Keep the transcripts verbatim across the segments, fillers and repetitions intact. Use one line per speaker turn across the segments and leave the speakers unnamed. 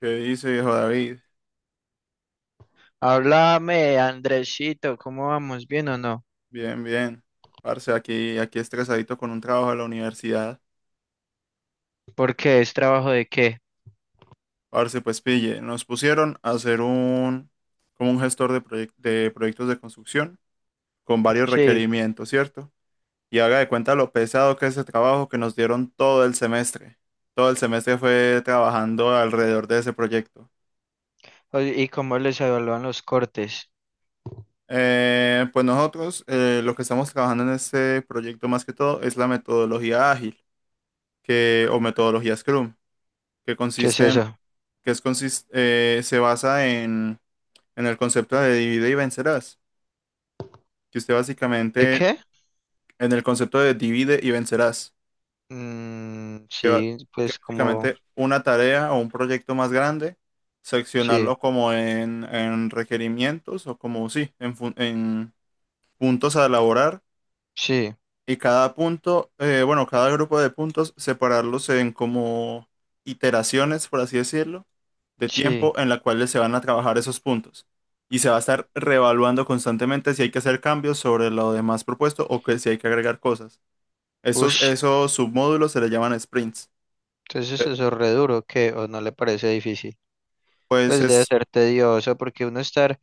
¿Qué dice, viejo David?
Háblame, Andresito, ¿cómo vamos? ¿Bien o no?
Bien, bien. Parce, aquí, aquí estresadito con un trabajo de la universidad.
¿Por qué? ¿Es trabajo de qué?
Parce, pues pille, nos pusieron a hacer un, como un gestor de, proyec- de proyectos de construcción con varios
Sí.
requerimientos, ¿cierto? Y haga de cuenta lo pesado que es ese trabajo que nos dieron todo el semestre. Todo el semestre fue trabajando alrededor de ese proyecto.
O- ¿Y cómo les evalúan los cortes?
Eh, pues nosotros eh, lo que estamos trabajando en este proyecto más que todo es la metodología ágil que, o metodología Scrum que
¿Qué es
consiste,
eso?
que es consis- eh, se basa en, en el concepto de divide y vencerás, que usted
¿De
básicamente,
qué?
en el concepto de divide y vencerás,
Mm,
que, ba-
sí,
que
pues como...
básicamente una tarea o un proyecto más grande,
Sí,
seccionarlo como en, en requerimientos o como, sí, en, fun- en puntos a elaborar
sí,
y cada punto, eh, bueno, cada grupo de puntos, separarlos en como iteraciones, por así decirlo, de
sí.
tiempo en la cual se van a trabajar esos puntos. Y se va a estar reevaluando constantemente si hay que hacer cambios sobre lo demás propuesto o que si hay que agregar cosas. Esos,
Ush.
esos submódulos se les llaman sprints.
Entonces
Eh,
eso es re duro, ¿qué? ¿O no le parece difícil?
Pues
Pues debe
es,
ser tedioso porque uno estar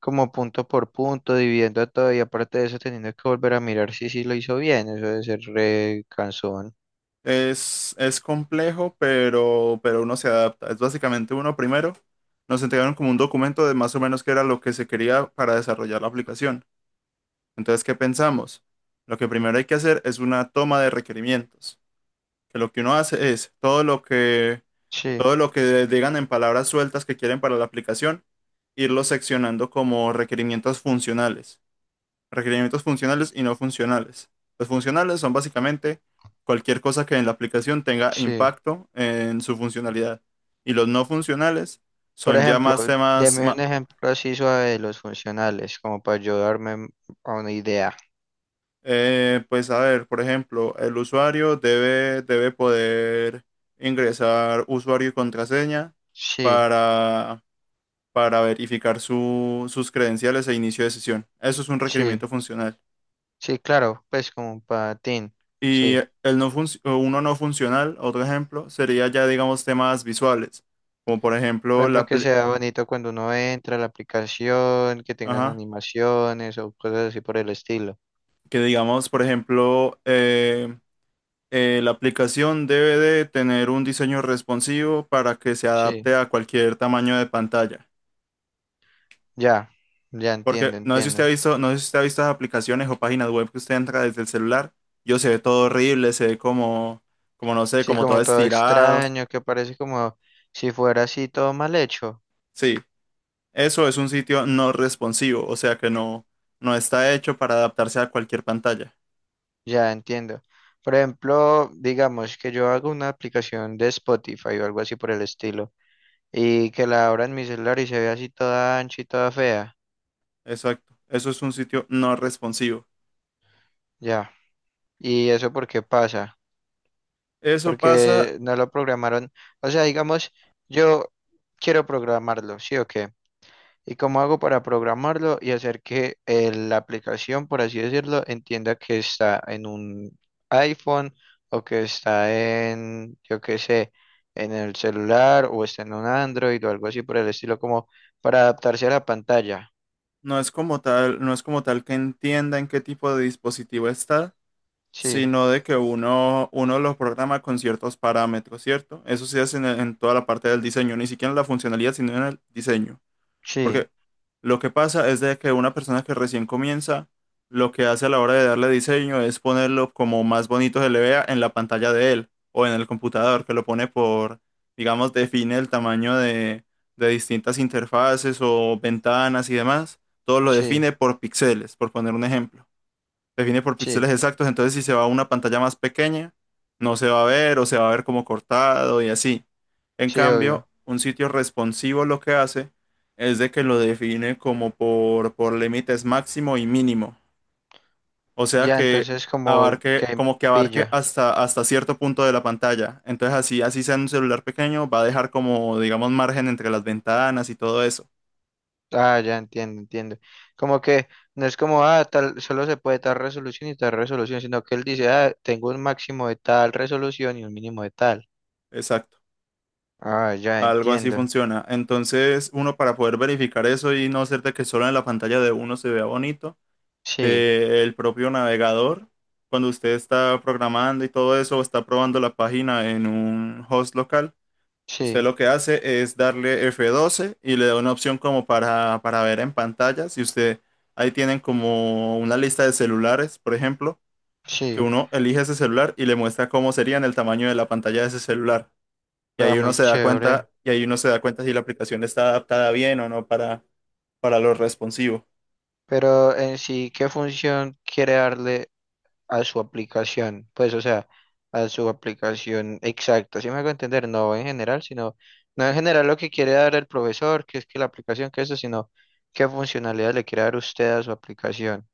como punto por punto, dividiendo todo y aparte de eso teniendo que volver a mirar si sí lo hizo bien, eso debe ser re cansón.
es, es complejo, pero, pero uno se adapta. Es básicamente uno primero. Nos entregaron como un documento de más o menos qué era lo que se quería para desarrollar la aplicación. Entonces, ¿qué pensamos? Lo que primero hay que hacer es una toma de requerimientos, que lo que uno hace es todo lo que,
Sí,
todo lo que digan en palabras sueltas que quieren para la aplicación, irlo seccionando como requerimientos funcionales, requerimientos funcionales y no funcionales. Los funcionales son básicamente cualquier cosa que en la aplicación tenga
sí.
impacto en su funcionalidad. Y los no funcionales
Por
son ya
ejemplo,
más temas,
deme un
ma-
ejemplo así suave de los funcionales, como para ayudarme m- a una idea.
eh, pues a ver, por ejemplo, el usuario debe, debe poder ingresar usuario y contraseña
Sí,
para verificar su- sus credenciales e inicio de sesión. Eso es un
sí,
requerimiento funcional.
sí, claro, pues como un patín,
Y
sí.
el no func- uno no funcional, otro ejemplo, sería ya, digamos, temas visuales, como por
Por
ejemplo
ejemplo,
la,
que
apli-
sea bonito cuando uno entra a la aplicación, que tengan
ajá,
animaciones o cosas así por el estilo.
que digamos, por ejemplo, eh, eh, la aplicación debe de tener un diseño responsivo para que se
Sí,
adapte a cualquier tamaño de pantalla.
ya, ya
Porque
entiendo,
no sé si usted ha
entiendo.
visto, no sé si usted ha visto esas aplicaciones o páginas web que usted entra desde el celular. Yo se ve todo horrible, se ve como, como no sé,
Sí,
como todo
como todo
estirado.
extraño, que parece como si fuera así todo mal hecho.
Sí, eso es un sitio no responsivo, o sea que no, no está hecho para adaptarse a cualquier pantalla.
Ya entiendo. Por ejemplo, digamos que yo hago una aplicación de Spotify o algo así por el estilo y que la abra en mi celular y se ve así toda ancha y toda fea.
Exacto, eso es un sitio no responsivo.
Ya. ¿Y eso por qué pasa?
Eso pasa,
Porque no lo programaron. O sea, digamos, yo quiero programarlo, ¿sí o qué? ¿Y cómo hago para programarlo y hacer que eh, la aplicación, por así decirlo, entienda que está en un iPhone o que está en, yo qué sé, en el celular o está en un Android o algo así por el estilo, como para adaptarse a la pantalla?
no es como tal, no es como tal que entienda en qué tipo de dispositivo está,
Sí,
sino de que uno, uno los programa con ciertos parámetros, ¿cierto? Eso se hace en, en toda la parte del diseño, ni siquiera en la funcionalidad, sino en el diseño.
sí,
Porque lo que pasa es de que una persona que recién comienza, lo que hace a la hora de darle diseño es ponerlo como más bonito se le vea en la pantalla de él o en el computador, que lo pone por, digamos, define el tamaño de, de distintas interfaces o ventanas y demás. Todo lo
sí,
define por píxeles, por poner un ejemplo, define por
sí,
píxeles exactos, entonces si se va a una pantalla más pequeña, no se va a ver o se va a ver como cortado y así. En
sí,
cambio,
obvio.
un sitio responsivo lo que hace es de que lo define como por, por límites máximo y mínimo, o sea
Ya,
que
entonces como
abarque,
que
como que abarque
pilla.
hasta, hasta cierto punto de la pantalla. Entonces así, así sea un celular pequeño, va a dejar como, digamos, margen entre las ventanas y todo eso.
Ah, ya entiendo, entiendo. Como que no es como, ah, tal, solo se puede tal resolución y tal resolución, sino que él dice, ah, tengo un máximo de tal resolución y un mínimo de tal.
Exacto.
Ah, ya
Algo así
entiendo.
funciona. Entonces, uno para poder verificar eso y no hacer de que solo en la pantalla de uno se vea bonito,
Sí,
eh, el propio navegador, cuando usted está programando y todo eso, o está probando la página en un host local, usted
sí,
lo que hace es darle F doce y le da una opción como para, para ver en pantalla. Si usted, ahí tienen como una lista de celulares, por ejemplo, que
sí.
uno elige ese celular y le muestra cómo sería en el tamaño de la pantalla de ese celular. Y
Ah,
ahí uno
muy
se da
chévere.
cuenta, y ahí uno se da cuenta si la aplicación está adaptada bien o no para, para lo responsivo.
Pero en sí, ¿qué función quiere darle a su aplicación, pues, o sea, a su aplicación exacta, ¿sí me hago entender? No en general, sino, no en general lo que quiere dar el profesor, que es que la aplicación, que eso, sino qué funcionalidad le quiere dar usted a su aplicación.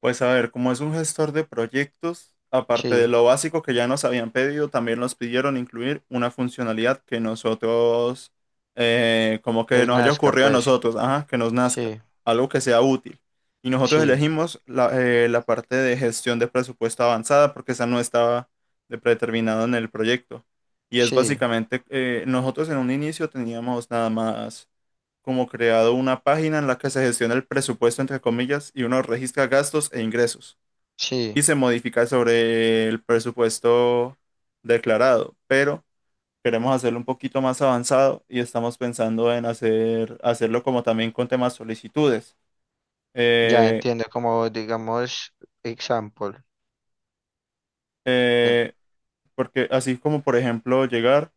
Pues a ver, como es un gestor de proyectos, aparte de
Sí,
lo básico que ya nos habían pedido, también nos pidieron incluir una funcionalidad que nosotros, eh, como que
es
nos haya
Nazca,
ocurrido a
pues,
nosotros, ajá, que nos nazca,
sí,
algo que sea útil. Y nosotros
sí,
elegimos la, eh, la parte de gestión de presupuesto avanzada porque esa no estaba de predeterminado en el proyecto. Y es
sí,
básicamente, eh, nosotros en un inicio teníamos nada más como creado una página en la que se gestiona el presupuesto, entre comillas, y uno registra gastos e ingresos
sí,
y se modifica sobre el presupuesto declarado. Pero queremos hacerlo un poquito más avanzado y estamos pensando en hacer, hacerlo como también con temas solicitudes.
ya
Eh,
entiendo, como digamos, example, em,
eh, porque así como, por ejemplo, llegar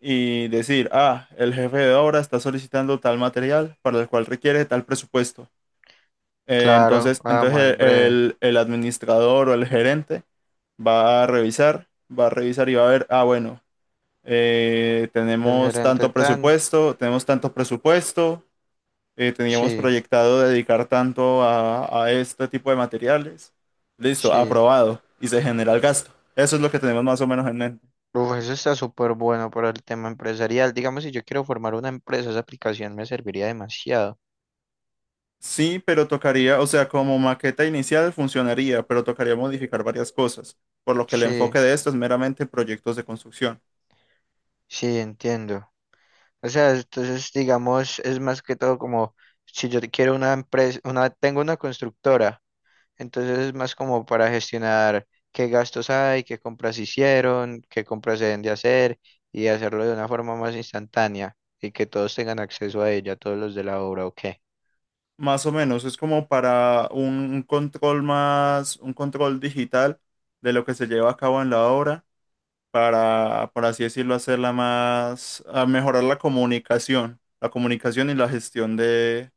y decir, ah, el jefe de obra está solicitando tal material para el cual requiere tal presupuesto. Eh,
claro,
entonces,
ah,
entonces
más breve,
el, el- administrador o el gerente va a revisar, va a revisar y va a ver, ah, bueno, eh,
el
tenemos
gerente
tanto
tan,
presupuesto, tenemos tanto presupuesto, eh, teníamos
sí,
proyectado dedicar tanto a, a este tipo de materiales. Listo,
sí.
aprobado y se genera el gasto. Eso es lo que tenemos más o menos en mente.
Uf, eso está súper bueno para el tema empresarial. Digamos, si yo quiero formar una empresa, esa aplicación me serviría demasiado.
Sí, pero tocaría, o sea, como maqueta inicial funcionaría, pero tocaría modificar varias cosas, por lo que el
Sí,
enfoque de esto es meramente proyectos de construcción.
sí, entiendo. O sea, entonces, digamos, es más que todo como si yo quiero una empresa, una, tengo una constructora, entonces es más como para gestionar qué gastos hay, qué compras hicieron, qué compras se deben de hacer y hacerlo de una forma más instantánea y que todos tengan acceso a ella, todos los de la obra, ¿o qué?
Más o menos, es como para un, un control más, un control digital de lo que se lleva a cabo en la obra, para, por así decirlo, hacerla más, a mejorar la comunicación, la comunicación y la gestión de,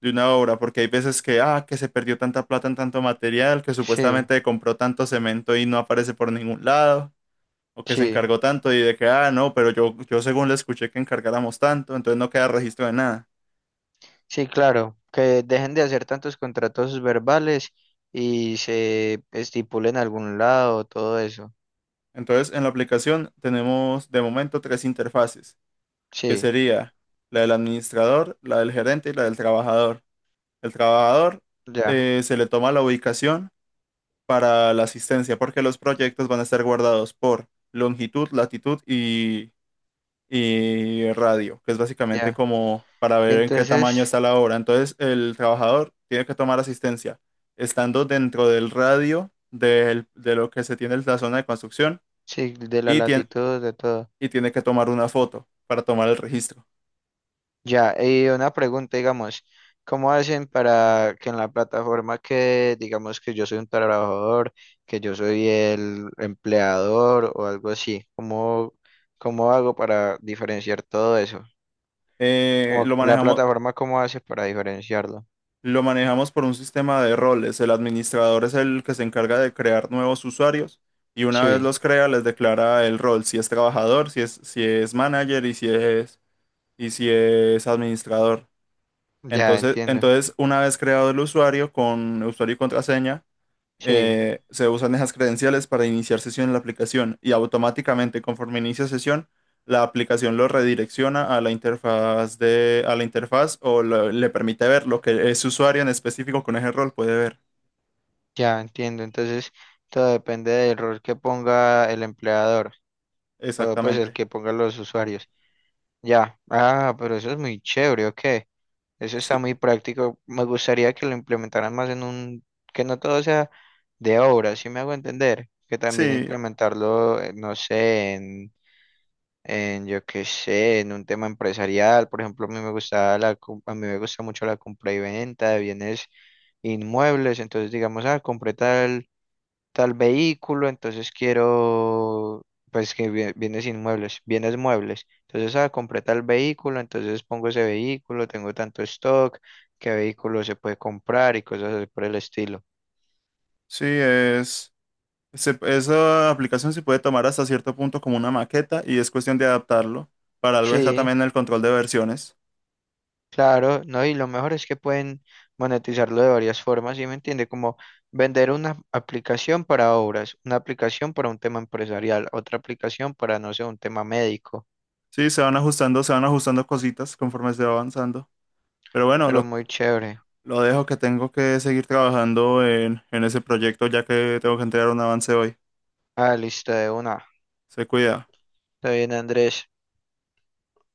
de una obra, porque hay veces que, ah, que se perdió tanta plata en tanto material, que
Sí,
supuestamente compró tanto cemento y no aparece por ningún lado, o que se
sí.
encargó tanto y de que, ah, no, pero yo, yo según le escuché que encargáramos tanto, entonces no queda registro de nada.
Sí, claro, que dejen de hacer tantos contratos verbales y se estipule en algún lado, todo eso.
Entonces, en la aplicación tenemos de momento tres interfaces, que
Sí,
sería la del administrador, la del gerente y la del trabajador. El trabajador,
ya,
eh, se le toma la ubicación para la asistencia, porque los proyectos van a estar guardados por longitud, latitud y, y radio, que es básicamente
ya.
como para
Y
ver en qué tamaño
entonces,
está la obra. Entonces, el trabajador tiene que tomar asistencia estando dentro del radio del- de lo que se tiene en la zona de construcción.
sí, de la
Y tien-
latitud, de todo.
y tiene que tomar una foto para tomar el registro.
Ya, y una pregunta, digamos, ¿cómo hacen para que en la plataforma que, digamos, que yo soy un trabajador, que yo soy el empleador o algo así? ¿Cómo, cómo hago para diferenciar todo eso?
Eh,
Como que
lo
la
manejamos,
plataforma, ¿cómo hace para diferenciarlo?
lo manejamos por un sistema de roles. El administrador es el que se encarga de crear nuevos usuarios y una vez
Sí.
los crea, les declara el rol, si es trabajador, si es, si es manager y si es, y si es administrador.
Ya
Entonces,
entiendo,
entonces, una vez creado el usuario con usuario y contraseña,
sí,
eh, se usan esas credenciales para iniciar sesión en la aplicación y automáticamente conforme inicia sesión, la aplicación lo redirecciona a la interfaz de, a la interfaz o lo- le permite ver lo que ese usuario en específico con ese rol puede ver.
ya entiendo. Entonces, todo depende del rol que ponga el empleador o pues el
Exactamente.
que pongan los usuarios. Ya, ah, pero eso es muy chévere, ok. Eso está
Sí,
muy práctico. Me gustaría que lo implementaran más en un, que no todo sea de obra, si me hago entender, que también
sí,
implementarlo, eh, no sé, en, yo qué sé, en un tema empresarial. Por ejemplo, a mí me gusta la, com- a mí me gusta mucho la compra y venta de bienes inmuebles. Entonces, digamos, ah, compré tal, tal vehículo, entonces quiero, pues que bie- bienes inmuebles, bienes muebles. Entonces, ah, compré tal vehículo, entonces pongo ese vehículo, tengo tanto stock, qué vehículo se puede comprar y cosas así por el estilo.
sí, es, se- esa aplicación se puede tomar hasta cierto punto como una maqueta y es cuestión de adaptarlo. Para algo está
Sí,
también el control de versiones.
Claro, ¿no? Y lo mejor es que pueden monetizarlo de varias formas, ¿sí me entiende? Como vender una aplicación para obras, una aplicación para un tema empresarial, otra aplicación para, no sé, un tema médico,
Sí, se van ajustando, se van ajustando cositas conforme se va avanzando. Pero bueno,
pero
lo
muy chévere.
lo dejo que tengo que seguir trabajando en, en ese proyecto ya que tengo que entregar un avance hoy.
Ah, lista de una.
Se cuida.
Está bien, Andrés.